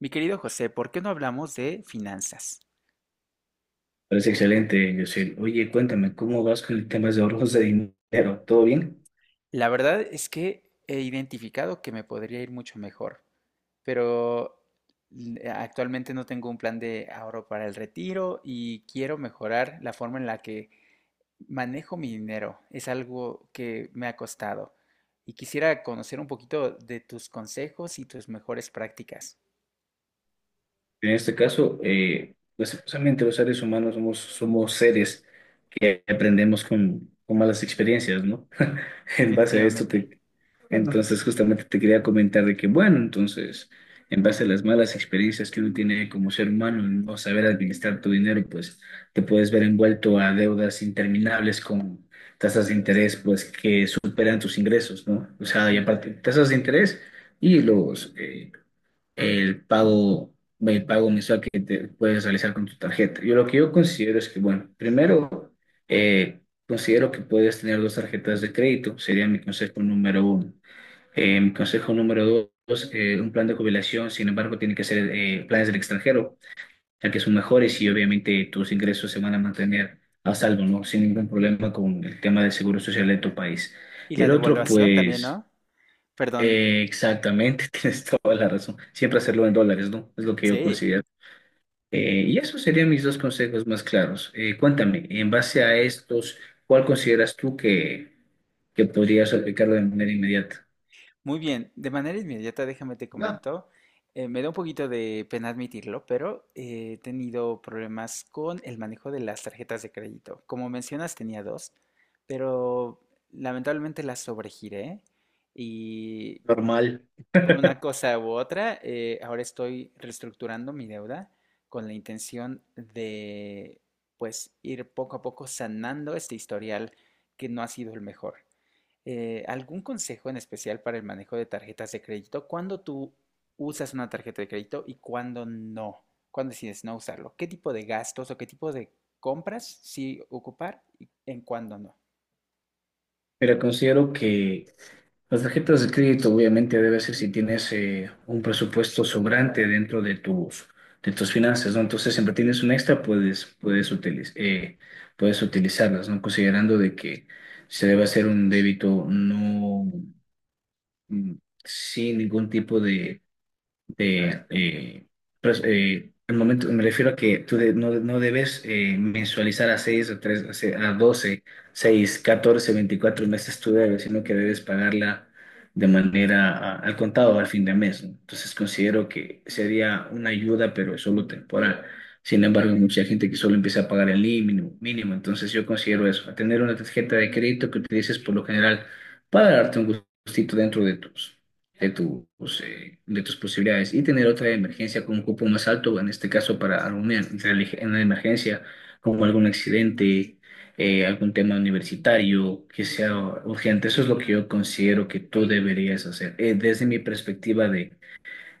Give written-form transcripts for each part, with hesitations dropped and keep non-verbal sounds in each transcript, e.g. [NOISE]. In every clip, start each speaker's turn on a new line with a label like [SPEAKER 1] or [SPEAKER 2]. [SPEAKER 1] Mi querido José, ¿por qué no hablamos de finanzas?
[SPEAKER 2] Parece excelente, Yosel. Oye, cuéntame, ¿cómo vas con el tema de ahorros de dinero? ¿Todo bien?
[SPEAKER 1] La verdad es que he identificado que me podría ir mucho mejor, pero actualmente no tengo un plan de ahorro para el retiro y quiero mejorar la forma en la que manejo mi dinero. Es algo que me ha costado y quisiera conocer un poquito de tus consejos y tus mejores prácticas.
[SPEAKER 2] En este caso, lastimosamente los seres humanos somos seres que aprendemos con malas experiencias, ¿no? [LAUGHS] En base a esto,
[SPEAKER 1] Definitivamente.
[SPEAKER 2] entonces, justamente te quería comentar de que, bueno, entonces, en base a las malas experiencias que uno tiene como ser humano, en no saber administrar tu dinero, pues te puedes ver envuelto a deudas interminables con tasas de interés, pues que superan tus ingresos, ¿no? O sea, y
[SPEAKER 1] Ujú.
[SPEAKER 2] aparte, tasas de interés y el pago, el pago mensual que te puedes realizar con tu tarjeta. Yo Lo que yo considero es que, bueno, primero, eh, considero que puedes tener dos tarjetas de crédito, sería mi consejo número uno. Consejo número dos, un plan de jubilación. Sin embargo, tiene que ser planes del extranjero, ya que son mejores y obviamente tus ingresos se van a mantener a salvo, ¿no? Sin ningún problema con el tema del seguro social de tu país.
[SPEAKER 1] Y
[SPEAKER 2] Y
[SPEAKER 1] la
[SPEAKER 2] el otro,
[SPEAKER 1] devaluación también,
[SPEAKER 2] pues,
[SPEAKER 1] ¿no? Perdón,
[SPEAKER 2] exactamente, [LAUGHS] tienes toda la razón. Siempre hacerlo en dólares, ¿no? Es lo que yo
[SPEAKER 1] sí.
[SPEAKER 2] considero. Y esos serían mis dos consejos más claros. Cuéntame, en base a estos, ¿cuál consideras tú que podrías aplicarlo de manera inmediata?
[SPEAKER 1] Muy bien, de manera inmediata déjame te
[SPEAKER 2] Ya.
[SPEAKER 1] comento, me da un poquito de pena admitirlo, pero he tenido problemas con el manejo de las tarjetas de crédito. Como mencionas, tenía dos, pero lamentablemente las sobregiré y
[SPEAKER 2] Normal.
[SPEAKER 1] por una cosa u otra, ahora estoy reestructurando mi deuda con la intención de, pues, ir poco a poco sanando este historial que no ha sido el mejor. ¿Algún consejo en especial para el manejo de tarjetas de crédito? ¿Cuándo tú usas una tarjeta de crédito y cuándo no? ¿Cuándo decides no usarlo? ¿Qué tipo de gastos o qué tipo de compras sí ocupar y en cuándo no?
[SPEAKER 2] Pero considero que las tarjetas de crédito obviamente debe ser si tienes un presupuesto sobrante dentro de tus finanzas, ¿no? Entonces, siempre tienes un extra, puedes utilizarlas, ¿no? Considerando de que se debe hacer un débito no, mm, sin ningún tipo de de, eh, al momento me refiero a que no, no debes mensualizar a 6 o 3 a 12, 6, 14, 24 meses tu debes, sino que debes pagarla de manera al contado al fin de mes, ¿no? Entonces considero que sería una ayuda, pero es solo temporal. Sin embargo, hay mucha gente que solo empieza a pagar el mínimo, mínimo. Entonces yo considero eso, a tener una tarjeta de crédito que utilices por lo general para darte un gustito dentro de tus posibilidades y tener otra emergencia con un cupo más alto, en este caso para una emergencia como algún accidente, algún tema universitario que sea urgente. Eso es lo que yo considero que tú deberías hacer, desde mi perspectiva de,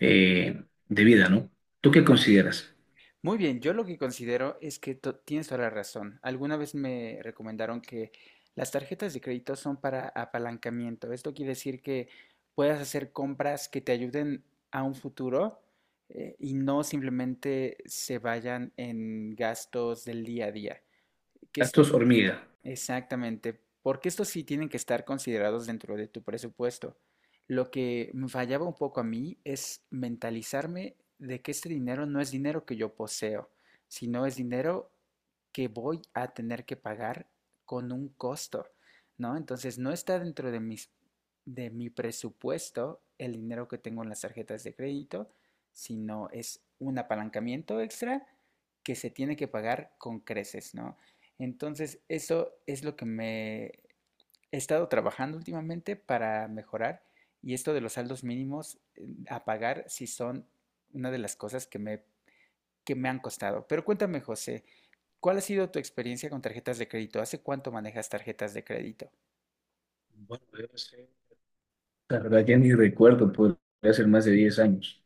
[SPEAKER 2] eh, de vida, ¿no? ¿Tú qué consideras?
[SPEAKER 1] Muy bien, yo lo que considero es que tienes toda la razón. Alguna vez me recomendaron que las tarjetas de crédito son para apalancamiento. Esto quiere decir que puedas hacer compras que te ayuden a un futuro y no simplemente se vayan en gastos del día a día. Que
[SPEAKER 2] Gastos
[SPEAKER 1] esto.
[SPEAKER 2] hormiga.
[SPEAKER 1] Exactamente, porque estos sí tienen que estar considerados dentro de tu presupuesto. Lo que me fallaba un poco a mí es mentalizarme de que este dinero no es dinero que yo poseo, sino es dinero que voy a tener que pagar con un costo, ¿no? Entonces no está dentro de mis, de mi presupuesto el dinero que tengo en las tarjetas de crédito, sino es un apalancamiento extra que se tiene que pagar con creces, ¿no? Entonces, eso es lo que me he estado trabajando últimamente para mejorar y esto de los saldos mínimos a pagar sí son una de las cosas que que me han costado. Pero cuéntame, José, ¿cuál ha sido tu experiencia con tarjetas de crédito? ¿Hace cuánto manejas tarjetas de crédito?
[SPEAKER 2] Bueno, yo no sé. La verdad ya ni recuerdo, podría ser más de 10 años.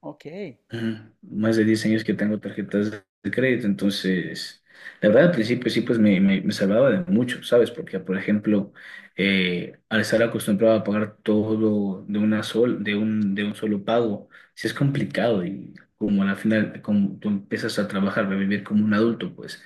[SPEAKER 1] Ok,
[SPEAKER 2] Ajá. Más de 10 años que tengo tarjetas de crédito. Entonces, la verdad al principio sí, pues me salvaba de mucho, ¿sabes? Porque, por ejemplo, al estar acostumbrado a pagar todo de una sol, de un solo pago, sí es complicado y como al final, como tú empiezas a trabajar, a vivir como un adulto, pues,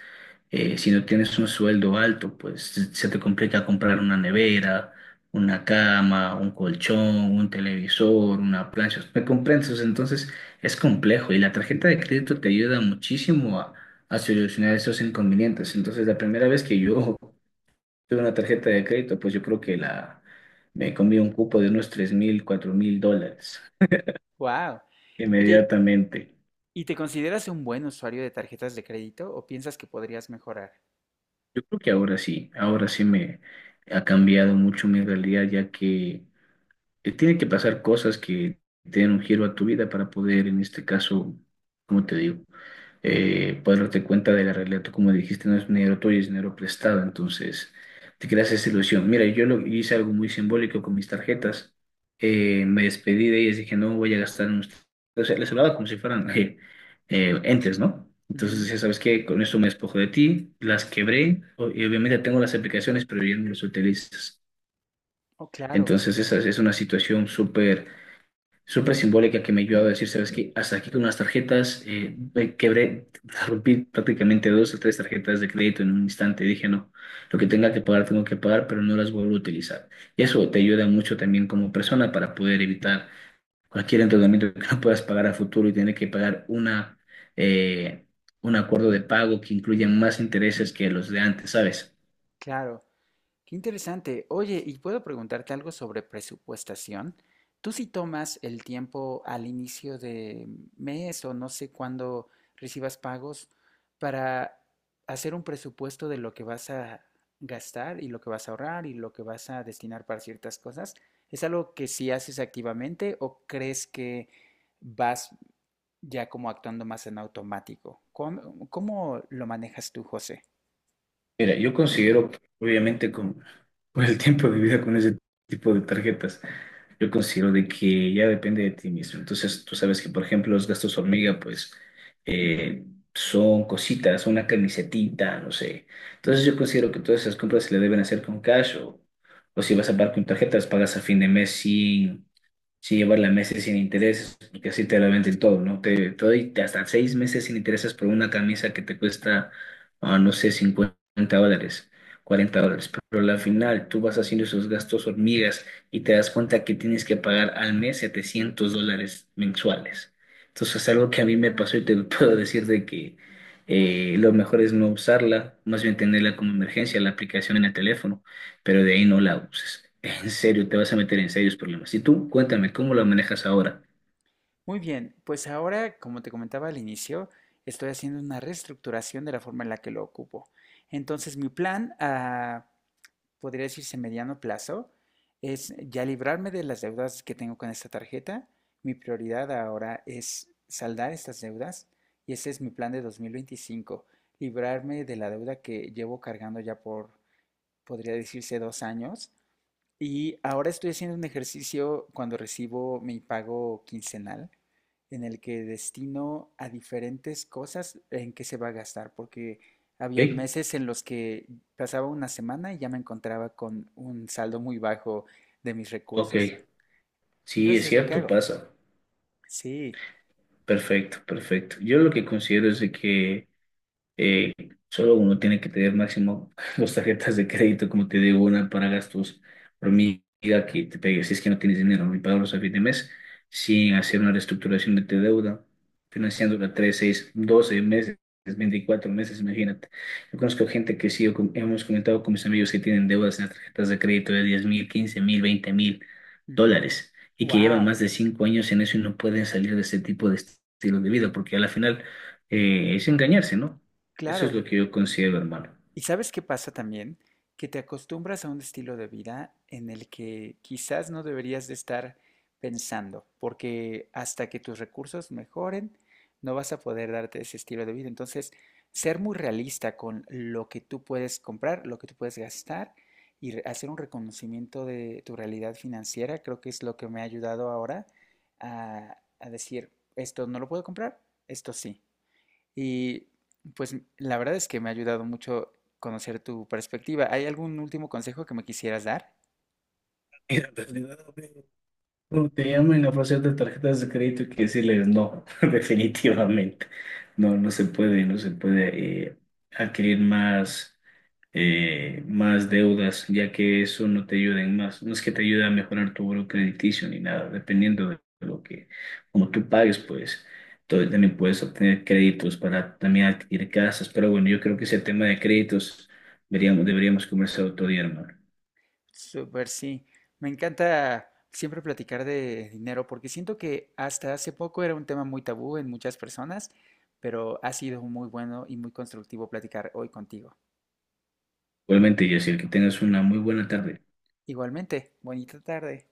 [SPEAKER 2] si no tienes un sueldo alto, pues se te complica comprar una nevera, una cama, un colchón, un televisor, una plancha. ¿Me comprendes? O sea, entonces, es complejo y la tarjeta de crédito te ayuda muchísimo a solucionar esos inconvenientes. Entonces, la primera vez que yo [LAUGHS] tuve una tarjeta de crédito, pues yo creo que la me comí un cupo de unos $3.000, $4.000
[SPEAKER 1] wow. Oye,
[SPEAKER 2] inmediatamente.
[SPEAKER 1] ¿y te consideras un buen usuario de tarjetas de crédito o piensas que podrías mejorar?
[SPEAKER 2] Yo creo que ahora sí me ha cambiado mucho mi realidad, ya que tiene que pasar cosas que te den un giro a tu vida para poder, en este caso, ¿como te digo? Puedes darte cuenta de la realidad. Tú, como dijiste, no es dinero tuyo, es dinero prestado. Entonces, te creas esa ilusión. Mira, yo hice algo muy simbólico con mis tarjetas. Me despedí de ellas, dije, no voy a gastar en ustedes. O sea, les hablaba como si fueran [LAUGHS] entes, ¿no? Entonces
[SPEAKER 1] Ujú.
[SPEAKER 2] decía, ¿sabes qué? Con esto me despojo de ti, las quebré, y obviamente tengo las aplicaciones, pero ya no las utilizas.
[SPEAKER 1] Oh, claro,
[SPEAKER 2] Entonces, esa es una situación súper súper simbólica que me ayudó a decir, sabes que hasta aquí con las tarjetas, me quebré, [LAUGHS] rompí prácticamente dos o tres tarjetas de crédito en un instante. Dije, no, lo que tenga que pagar, tengo que pagar, pero no las vuelvo a utilizar. Y eso te ayuda mucho también como persona para poder evitar cualquier endeudamiento que [LAUGHS] no puedas pagar a futuro y tener que pagar eh, un acuerdo de pago que incluya más intereses que los de antes, ¿sabes?
[SPEAKER 1] claro. Qué interesante. Oye, ¿y puedo preguntarte algo sobre presupuestación? ¿Tú si tomas el tiempo al inicio de mes o no sé cuándo recibas pagos para hacer un presupuesto de lo que vas a gastar y lo que vas a ahorrar y lo que vas a destinar para ciertas cosas? ¿Es algo que sí haces activamente o crees que vas ya como actuando más en automático? ¿Cómo, lo manejas tú, José?
[SPEAKER 2] Mira, yo considero, obviamente, con el tiempo de vida con ese tipo de tarjetas. Yo considero de que ya depende de ti mismo. Entonces, tú sabes que, por ejemplo, los gastos hormiga, pues, eh, son cositas, una camisetita, no sé. Entonces, yo considero que todas esas compras se le deben hacer con cash o si vas a pagar con tarjetas, pagas a fin de mes. Sí, llevarla meses sin intereses, porque así te la venden todo, ¿no? Te doy hasta 6 meses sin intereses por una camisa que te cuesta, no sé, $50, $40. Pero al final tú vas haciendo esos gastos hormigas y te das cuenta que tienes que pagar al mes $700 mensuales. Entonces es algo que a mí me pasó y te lo [LAUGHS] puedo decir de que lo mejor es no usarla, más bien tenerla como emergencia, la aplicación en el teléfono, pero de ahí no la uses. En serio, te vas a meter en serios problemas. Y tú, cuéntame, ¿cómo la manejas ahora?
[SPEAKER 1] Muy bien, pues ahora, como te comentaba al inicio, estoy haciendo una reestructuración de la forma en la que lo ocupo. Entonces, mi plan a, podría decirse mediano plazo, es ya librarme de las deudas que tengo con esta tarjeta. Mi prioridad ahora es saldar estas deudas y ese es mi plan de 2025, librarme de la deuda que llevo cargando ya por, podría decirse, 2 años y ahora estoy haciendo un ejercicio cuando recibo mi pago quincenal, en el que destino a diferentes cosas en que se va a gastar, porque había
[SPEAKER 2] Ok,
[SPEAKER 1] meses en los que pasaba una semana y ya me encontraba con un saldo muy bajo de mis
[SPEAKER 2] ok,
[SPEAKER 1] recursos.
[SPEAKER 2] sí,
[SPEAKER 1] Entonces
[SPEAKER 2] es
[SPEAKER 1] es lo que
[SPEAKER 2] cierto,
[SPEAKER 1] hago.
[SPEAKER 2] pasa.
[SPEAKER 1] Sí.
[SPEAKER 2] Perfecto, perfecto. Yo lo que considero es de que Eh, solo uno tiene que tener máximo [LAUGHS] dos tarjetas de crédito, como te digo, una para gastos hormiga que te pegue, si es que no tienes dinero, ni pagarlos a fin de mes, sin hacer una reestructuración de tu deuda, financiándola 3, 6, 12 meses, 24 meses, imagínate. Yo conozco gente que sí, hemos comentado con mis amigos que tienen deudas en las tarjetas de crédito de $10.000, $15.000, $20.000 y que llevan
[SPEAKER 1] Wow.
[SPEAKER 2] más de 5 años en eso y no pueden salir de ese tipo de estilo de vida, porque a la final es engañarse, ¿no? Eso es
[SPEAKER 1] Claro.
[SPEAKER 2] lo que yo considero, hermano. [LAUGHS]
[SPEAKER 1] ¿Y sabes qué pasa también? Que te acostumbras a un estilo de vida en el que quizás no deberías de estar pensando, porque hasta que tus recursos mejoren, no vas a poder darte ese estilo de vida. Entonces, ser muy realista con lo que tú puedes comprar, lo que tú puedes gastar y hacer un reconocimiento de tu realidad financiera, creo que es lo que me ha ayudado ahora a decir, esto no lo puedo comprar, esto sí. Y pues la verdad es que me ha ayudado mucho conocer tu perspectiva. ¿Hay algún último consejo que me quisieras dar?
[SPEAKER 2] En realidad, cuando te llamen a ofrecer de tarjetas de crédito, hay que decirles no, [LAUGHS] definitivamente. No, no se puede, no se puede adquirir más deudas, ya que eso no te ayuda en más. No es que te ayude a mejorar tu buro crediticio ni nada, dependiendo de lo que, como tú pagues, pues. Entonces también puedes obtener créditos para también adquirir casas. Pero bueno, yo creo que ese tema de créditos deberíamos conversar otro día, hermano.
[SPEAKER 1] Súper, sí. Me encanta siempre platicar de dinero porque siento que hasta hace poco era un tema muy tabú en muchas personas, pero ha sido muy bueno y muy constructivo platicar hoy contigo.
[SPEAKER 2] Igualmente, Jessica, que tengas una muy buena tarde.
[SPEAKER 1] Igualmente, bonita tarde.